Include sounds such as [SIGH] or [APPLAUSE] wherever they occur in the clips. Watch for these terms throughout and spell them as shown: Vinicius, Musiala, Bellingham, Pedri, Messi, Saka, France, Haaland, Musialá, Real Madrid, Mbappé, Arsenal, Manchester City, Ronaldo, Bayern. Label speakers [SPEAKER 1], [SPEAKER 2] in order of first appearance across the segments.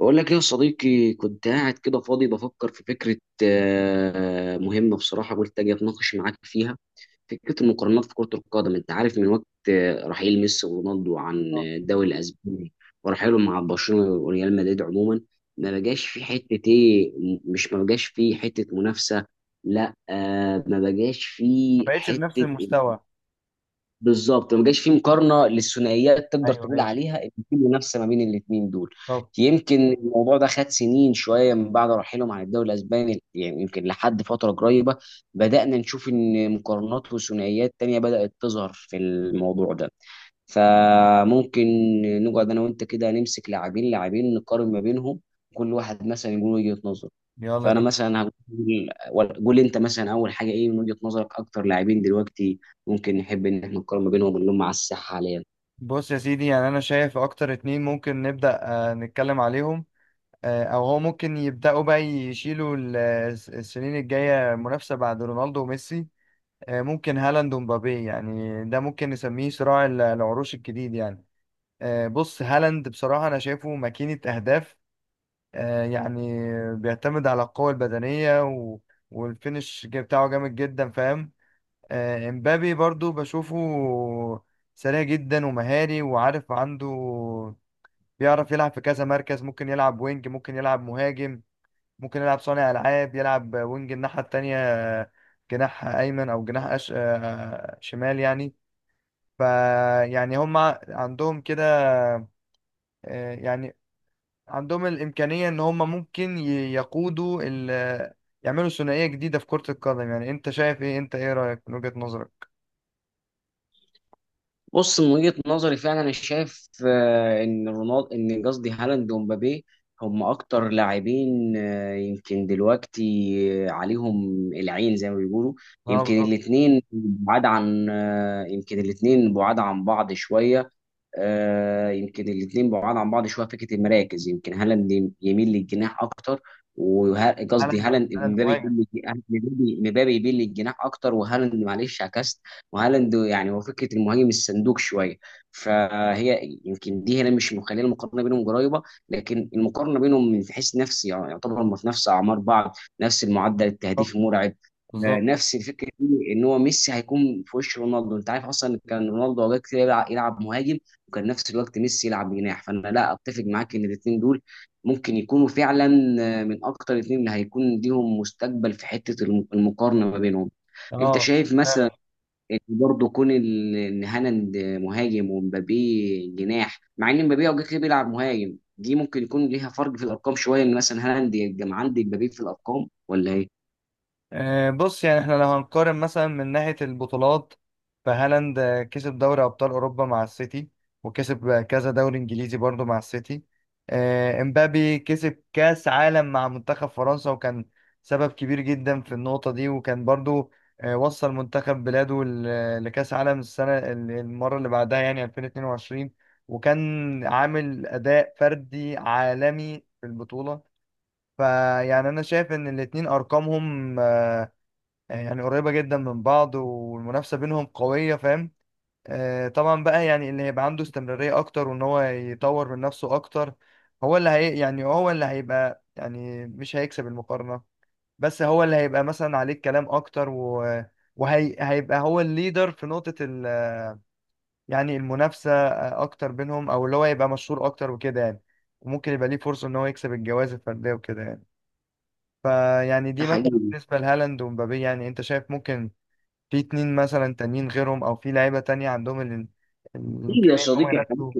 [SPEAKER 1] بقول لك ايه يا صديقي؟ كنت قاعد كده فاضي بفكر في فكرة مهمة بصراحة. قلت اجي اتناقش معاك فيها. فكرة المقارنات في كرة القدم، انت عارف من وقت رحيل ميسي ورونالدو عن
[SPEAKER 2] اه،
[SPEAKER 1] الدوري الاسباني، ورحيلهم مع برشلونة وريال مدريد عموما، ما بقاش في حتة ايه. مش ما بقاش في حتة منافسة. لا، ما بقاش في
[SPEAKER 2] ما بقتش بنفس
[SPEAKER 1] حتة.
[SPEAKER 2] المستوى.
[SPEAKER 1] بالظبط، ما جاش فيه مقارنه للثنائيات تقدر
[SPEAKER 2] ايوه
[SPEAKER 1] تقول
[SPEAKER 2] ايوه.
[SPEAKER 1] عليها ان في منافسه ما بين الاثنين دول.
[SPEAKER 2] طب
[SPEAKER 1] يمكن الموضوع ده خد سنين شويه من بعد رحيلهم عن الدوري الاسباني. يعني يمكن لحد فتره قريبه بدانا نشوف ان مقارنات وثنائيات تانية بدات تظهر في الموضوع ده. فممكن نقعد انا وانت كده نمسك لاعبين نقارن ما بينهم، كل واحد مثلا يقول وجهة نظره.
[SPEAKER 2] يلا
[SPEAKER 1] فانا
[SPEAKER 2] بينا.
[SPEAKER 1] مثلا هقول قول انت مثلا اول حاجه ايه من وجهة نظرك اكتر لاعبين دلوقتي ممكن نحب ان احنا نقارن ما بينهم، اللي هم على الساحه حاليا.
[SPEAKER 2] بص يا سيدي، يعني انا شايف اكتر اتنين ممكن نبدأ نتكلم عليهم. او هو ممكن يبدأوا بقى يشيلوا السنين الجاية منافسة بعد رونالدو وميسي. ممكن هالاند ومبابي، يعني ده ممكن نسميه صراع العروش الجديد يعني. بص، هالاند بصراحة انا شايفه ماكينة اهداف. يعني بيعتمد على القوة البدنية و... والفينش بتاعه جامد جدا، فاهم؟ امبابي برضو بشوفه سريع جدا ومهاري، وعارف عنده بيعرف يلعب في كذا مركز، ممكن يلعب وينج، ممكن يلعب مهاجم، ممكن يلعب صانع ألعاب، يلعب وينج الناحية التانية، جناح أيمن أو جناح أش... آه، شمال يعني. ف يعني هم عندهم كده، يعني عندهم الإمكانية إن هم ممكن يقودوا ال... يعملوا ثنائية جديدة في كرة القدم. يعني أنت شايف إيه؟ أنت إيه رأيك من وجهة نظرك؟
[SPEAKER 1] بص، من وجهة نظري فعلا انا شايف ان رونالدو، ان قصدي هالاند ومبابي، هم اكتر لاعبين يمكن دلوقتي عليهم العين زي ما بيقولوا.
[SPEAKER 2] اه
[SPEAKER 1] يمكن
[SPEAKER 2] بالظبط.
[SPEAKER 1] الاثنين بعاد عن بعض شوية. يمكن الاثنين بعاد عن بعض شويه في فكره المراكز. يمكن هالاند يميل للجناح اكتر، قصدي
[SPEAKER 2] هالاند،
[SPEAKER 1] هالاند
[SPEAKER 2] هالاند
[SPEAKER 1] مبابي
[SPEAKER 2] مهاجم.
[SPEAKER 1] يميل للج- مبابي مبابي يميل للجناح اكتر، وهالاند معلش عكست. وهالاند يعني هو فكره المهاجم الصندوق شويه، فهي يمكن دي هنا مش مخليه المقارنه بينهم قريبه. لكن المقارنه بينهم من حيث نفسي، يعني يعتبر هم في نفس اعمار بعض، نفس المعدل التهديفي
[SPEAKER 2] بالظبط
[SPEAKER 1] المرعب.
[SPEAKER 2] بالظبط.
[SPEAKER 1] نفس الفكره دي ان هو ميسي هيكون في وش رونالدو. انت عارف اصلا كان رونالدو اوقات كتير يلعب مهاجم، وكان نفس الوقت ميسي يلعب جناح. فانا لا اتفق معاك ان الاثنين دول ممكن يكونوا فعلا من اكتر الاثنين اللي هيكون ليهم مستقبل في حته المقارنه ما بينهم. انت
[SPEAKER 2] اه
[SPEAKER 1] شايف مثلا
[SPEAKER 2] فعلا.
[SPEAKER 1] ان برضه كون ان هالاند مهاجم ومبابي جناح، مع ان مبابي اوقات كتير بيلعب مهاجم، دي ممكن يكون ليها فرق في الارقام شويه، ان مثلا هالاند يبقى عندي مبابي في الارقام ولا ايه؟
[SPEAKER 2] بص، يعني احنا لو هنقارن مثلا من ناحية البطولات، فهالاند كسب دوري أبطال أوروبا مع السيتي، وكسب كذا دوري إنجليزي برضه مع السيتي. امبابي كسب كأس عالم مع منتخب فرنسا، وكان سبب كبير جدا في النقطة دي، وكان برضه وصل منتخب بلاده لكأس عالم السنة المرة اللي بعدها، يعني 2022، وكان عامل أداء فردي عالمي في البطولة. فيعني انا شايف ان الاتنين ارقامهم يعني قريبة جدا من بعض، والمنافسة بينهم قوية، فاهم؟ طبعا بقى يعني اللي هيبقى عنده استمرارية اكتر، وان هو يطور من نفسه اكتر، هو اللي هي يعني هو اللي هيبقى يعني مش هيكسب المقارنة، بس هو اللي هيبقى مثلا عليه الكلام اكتر، و وهيبقى هو الليدر في نقطة ال يعني المنافسة اكتر بينهم، او اللي هو يبقى مشهور اكتر وكده يعني. وممكن يبقى ليه فرصة ان هو يكسب الجوائز الفردية وكده يعني. فيعني
[SPEAKER 1] ده
[SPEAKER 2] دي مثلا
[SPEAKER 1] حقيقي.
[SPEAKER 2] بالنسبة لهالاند ومبابي، يعني انت شايف ممكن في اتنين مثلا تانيين غيرهم، او في لعيبة تانية عندهم
[SPEAKER 1] ليه يا
[SPEAKER 2] الامكانية ان هم
[SPEAKER 1] صديقي؟ احنا
[SPEAKER 2] ينافسوا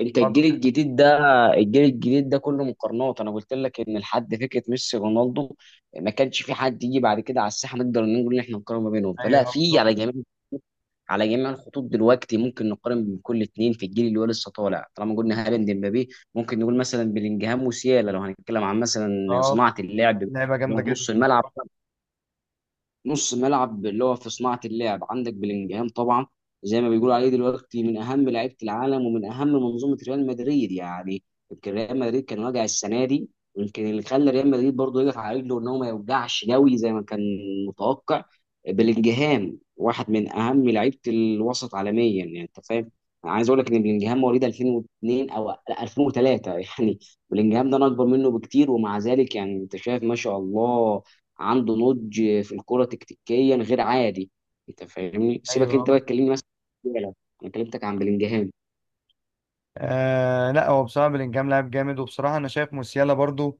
[SPEAKER 1] انت الجيل
[SPEAKER 2] هالاند؟
[SPEAKER 1] الجديد ده، الجيل الجديد ده كله مقارنات. انا قلت لك ان لحد فكره ميسي رونالدو ما كانش في حد يجي بعد كده على الساحه نقدر نقول ان احنا نقارن ما بينهم، فلا
[SPEAKER 2] ايوه اه
[SPEAKER 1] في
[SPEAKER 2] بالظبط.
[SPEAKER 1] على جميع على جميع الخطوط دلوقتي ممكن نقارن بين كل اتنين في الجيل اللي هو لسه طالع. طالما قلنا هالاند مبابي، ممكن نقول مثلا بلينجهام وسيالا لو هنتكلم عن مثلا
[SPEAKER 2] اه
[SPEAKER 1] صناعه اللعب، اللي
[SPEAKER 2] لعيبة جامدة
[SPEAKER 1] هو نص
[SPEAKER 2] جدا
[SPEAKER 1] الملعب.
[SPEAKER 2] بصراحة.
[SPEAKER 1] نص ملعب اللي هو في صناعة اللعب، عندك بلينجهام طبعا زي ما بيقولوا عليه دلوقتي من أهم لعيبة العالم ومن أهم منظومة ريال مدريد، يعني يمكن ريال مدريد كان واجع السنة دي، ويمكن اللي خلى ريال مدريد برضه يقف على رجله إن هو ما يوجعش قوي زي ما كان متوقع. بلينجهام واحد من أهم لعيبة الوسط عالميا، يعني أنت فاهم. أنا عايز أقول لك إن بلينجهام مواليد 2002 أو لا 2003 [LAUGHS] يعني بلينجهام ده أنا أكبر منه بكتير، ومع ذلك يعني أنت شايف ما شاء الله عنده نضج في الكرة تكتيكيا غير عادي. انت فاهمني؟ سيبك
[SPEAKER 2] ايوه
[SPEAKER 1] انت بقى
[SPEAKER 2] آه.
[SPEAKER 1] تكلمني مثلا عن ديبالا. انا كلمتك عن بلينجهام.
[SPEAKER 2] آه لا، هو بصراحة بلينجهام لاعب جامد، وبصراحة أنا شايف موسيالا برضو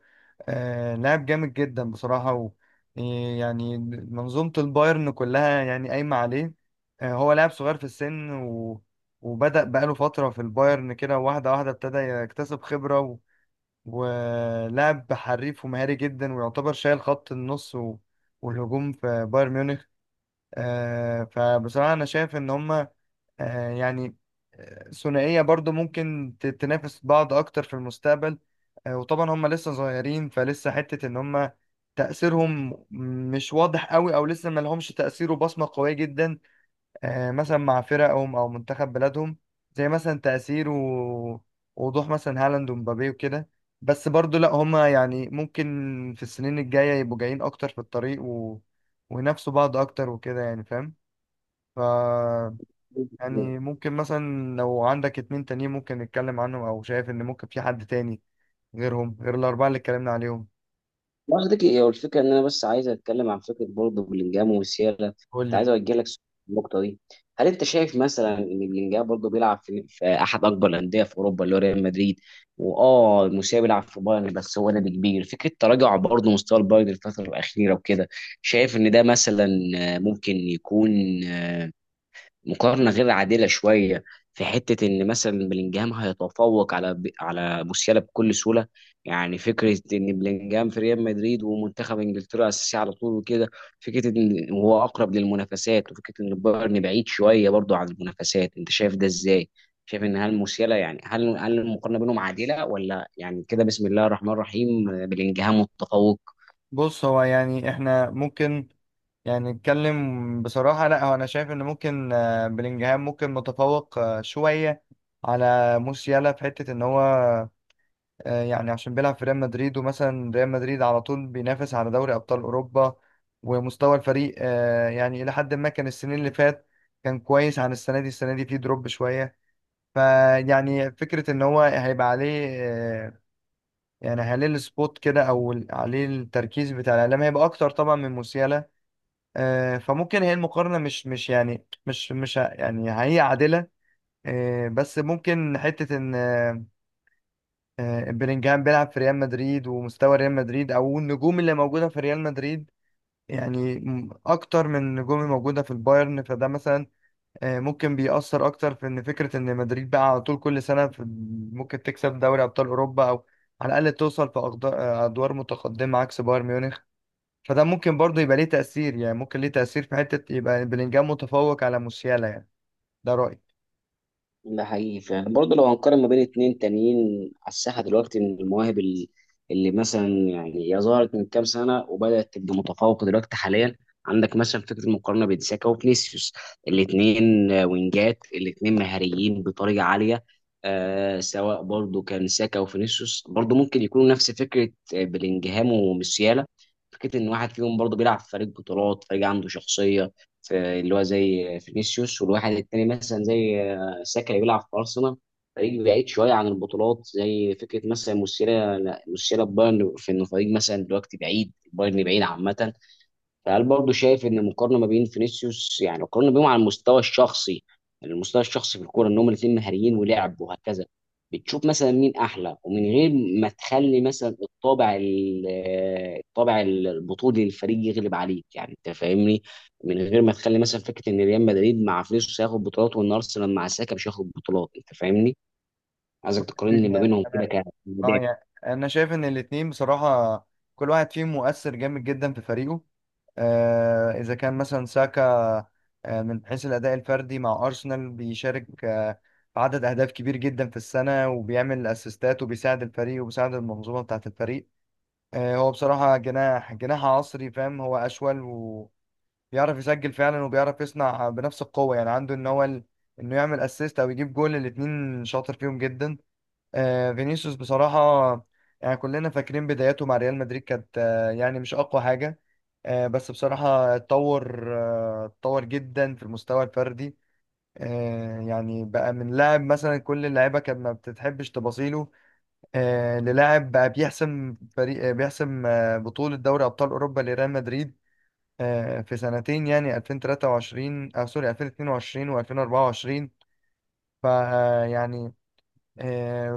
[SPEAKER 2] آه لاعب جامد جدا بصراحة، و آه، يعني منظومة البايرن كلها يعني قايمة عليه. آه هو لاعب صغير في السن، و وبدأ بقاله فترة في البايرن كده، واحدة واحدة ابتدى يكتسب خبرة و... ولاعب حريف ومهاري جدا، ويعتبر شايل خط النص و... والهجوم في بايرن ميونخ. آه فبصراحة أنا شايف إن هما آه، يعني ثنائية برضو ممكن تنافس بعض أكتر في المستقبل. وطبعا هم لسه صغيرين، فلسه حتة إن هم تأثيرهم مش واضح قوي، أو لسه ما لهمش تأثير وبصمة قوية جدا مثلا مع فرقهم أو منتخب بلادهم، زي مثلا تأثير ووضوح مثلا هالاند ومبابي وكده. بس برضو لا هم يعني ممكن في السنين الجاية يبقوا جايين أكتر في الطريق و... وينافسوا بعض أكتر وكده يعني، فاهم؟ ف يعني ممكن مثلا لو عندك اتنين تانيين ممكن نتكلم عنهم، او شايف ان ممكن في حد تاني غيرهم غير الاربعه اللي اتكلمنا عليهم؟
[SPEAKER 1] ما قصدي هو الفكره ان انا بس عايز اتكلم عن فكره برضه بلينجهام وسيالا.
[SPEAKER 2] قول
[SPEAKER 1] كنت
[SPEAKER 2] لي.
[SPEAKER 1] عايز اوجه لك سؤال في النقطه دي. هل انت شايف مثلا ان بلينجهام برضه بيلعب في احد اكبر الانديه في اوروبا اللي هو ريال مدريد، واه موسيقى بيلعب في بايرن، بس هو نادي كبير، فكره تراجع برضه مستوى البايرن الفتره الاخيره وكده، شايف ان ده مثلا ممكن يكون مقارنه غير عادله شويه، في حته ان مثلا بلينجهام هيتفوق على موسيالا بكل سهوله؟ يعني فكره ان بلينجهام في ريال مدريد ومنتخب انجلترا اساسي على طول وكده، فكره ان هو اقرب للمنافسات، وفكره ان بايرن بعيد شويه برضه عن المنافسات، انت شايف ده ازاي؟ شايف ان هل موسيالا، يعني هل المقارنه بينهم عادله، ولا يعني كده بسم الله الرحمن الرحيم بلينجهام متفوق؟
[SPEAKER 2] بص هو يعني احنا ممكن يعني نتكلم بصراحه. لا هو انا شايف ان ممكن بلينجهام ممكن متفوق شويه على موسيالا، في حته ان هو يعني عشان بيلعب في ريال مدريد، ومثلا ريال مدريد على طول بينافس على دوري ابطال اوروبا، ومستوى الفريق يعني الى حد ما كان السنين اللي فات كان كويس عن السنه دي. السنه دي فيه دروب شويه. فيعني فكرة إن هو هيبقى عليه يعني عليه السبوت كده، أو عليه التركيز بتاع الإعلام هيبقى أكتر طبعا من موسيالا. فممكن هي المقارنة مش يعني مش مش ه- يعني هي عادلة. بس ممكن حتة إن بلينجهام بيلعب في ريال مدريد، ومستوى ريال مدريد أو النجوم اللي موجودة في ريال مدريد يعني أكتر من النجوم الموجودة في البايرن. فده مثلا ممكن بيأثر أكتر، في إن فكرة إن مدريد بقى على طول كل سنة في ممكن تكسب دوري أبطال أوروبا، أو على الأقل توصل في أدوار متقدمة عكس بايرن ميونخ. فده ممكن برضه يبقى ليه تأثير، يعني ممكن ليه تأثير في حتة يبقى بلينجهام متفوق على موسيالا يعني. ده رأيي.
[SPEAKER 1] ده حقيقي فعلا. برضه لو هنقارن ما بين اتنين تانيين على الساحة دلوقتي من المواهب اللي مثلا يعني هي ظهرت من كام سنة وبدأت تبقى متفوقة دلوقتي حاليا، عندك مثلا فكرة المقارنة بين ساكا وفينيسيوس. الاتنين وينجات، الاتنين مهاريين بطريقة عالية. سواء برضه كان ساكا وفينيسيوس برضه ممكن يكونوا نفس فكرة بلينجهام وموسيالا. فكرة إن واحد فيهم برضه بيلعب في فريق بطولات، فريق عنده شخصية في، اللي هو زي فينيسيوس، والواحد التاني مثلا زي ساكا يلعب في ارسنال، فريق بعيد شويه عن البطولات، زي فكره مثلا مسيرة بايرن في ان فريق مثلا دلوقتي بعيد، بايرن بعيد عامه. فهل برضه شايف ان المقارنه ما بين فينيسيوس، يعني القارنه بينهم على المستوى الشخصي، يعني المستوى الشخصي في الكوره، ان هم الاثنين مهاريين ولعب وهكذا، بتشوف مثلا مين احلى، ومن غير ما تخلي مثلا الطابع الطابع البطولي للفريق يغلب عليك، يعني انت فاهمني، من غير ما تخلي مثلا فكره ان ريال مدريد مع فينيسيوس هياخد بطولات وان ارسنال مع ساكا مش هياخد بطولات، انت فاهمني؟ عايزك تقارن لي ما
[SPEAKER 2] يعني
[SPEAKER 1] بينهم كده
[SPEAKER 2] أنا
[SPEAKER 1] كده.
[SPEAKER 2] آه يعني أنا شايف إن الاتنين بصراحة كل واحد فيهم مؤثر جامد جدا في فريقه. إذا كان مثلا ساكا من حيث الأداء الفردي مع أرسنال، بيشارك في عدد أهداف كبير جدا في السنة، وبيعمل أسيستات، وبيساعد الفريق وبيساعد المنظومة بتاعة الفريق. هو بصراحة جناح، جناح عصري، فاهم؟ هو أشول وبيعرف يسجل فعلا، وبيعرف يصنع بنفس القوة، يعني عنده إن هو ال... إنه يعمل أسيست أو يجيب جول، الاتنين شاطر فيهم جدا. فينيسيوس بصراحة يعني كلنا فاكرين بداياته مع ريال مدريد كانت يعني مش أقوى حاجة. بس بصراحة اتطور، اتطور جدا في المستوى الفردي. يعني بقى من لاعب مثلا كل اللعيبة كانت ما بتحبش تباصيله، للاعب بقى بيحسم فريق، بيحسم بطولة دوري أبطال أوروبا لريال مدريد في سنتين، يعني 2023 أو سوري 2022 و2024. فيعني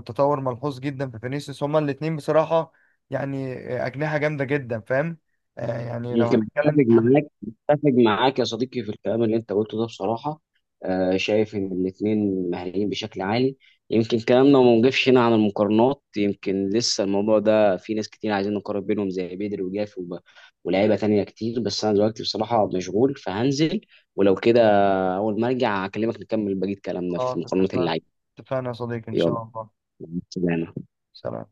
[SPEAKER 2] تطور ملحوظ جدا في فينيسيوس. هما الاتنين بصراحة يعني أجنحة جامدة جدا، فاهم؟ يعني لو
[SPEAKER 1] يمكن
[SPEAKER 2] هنتكلم.
[SPEAKER 1] بتفق معاك يا صديقي في الكلام اللي انت قلته ده بصراحه. شايف ان الاثنين مهاريين بشكل عالي. يمكن كلامنا ما وقفش هنا عن المقارنات، يمكن لسه الموضوع ده في ناس كتير عايزين نقارن بينهم زي بدري وجافي ولاعيبه تانية كتير، بس انا دلوقتي بصراحه مشغول فهنزل، ولو كده اول ما ارجع اكلمك نكمل بقيه كلامنا في
[SPEAKER 2] خلاص
[SPEAKER 1] مقارنات
[SPEAKER 2] اتفقنا.
[SPEAKER 1] اللعيبه.
[SPEAKER 2] اتفقنا يا صديقي إن
[SPEAKER 1] يلا،
[SPEAKER 2] شاء الله.
[SPEAKER 1] مع السلامه.
[SPEAKER 2] سلام.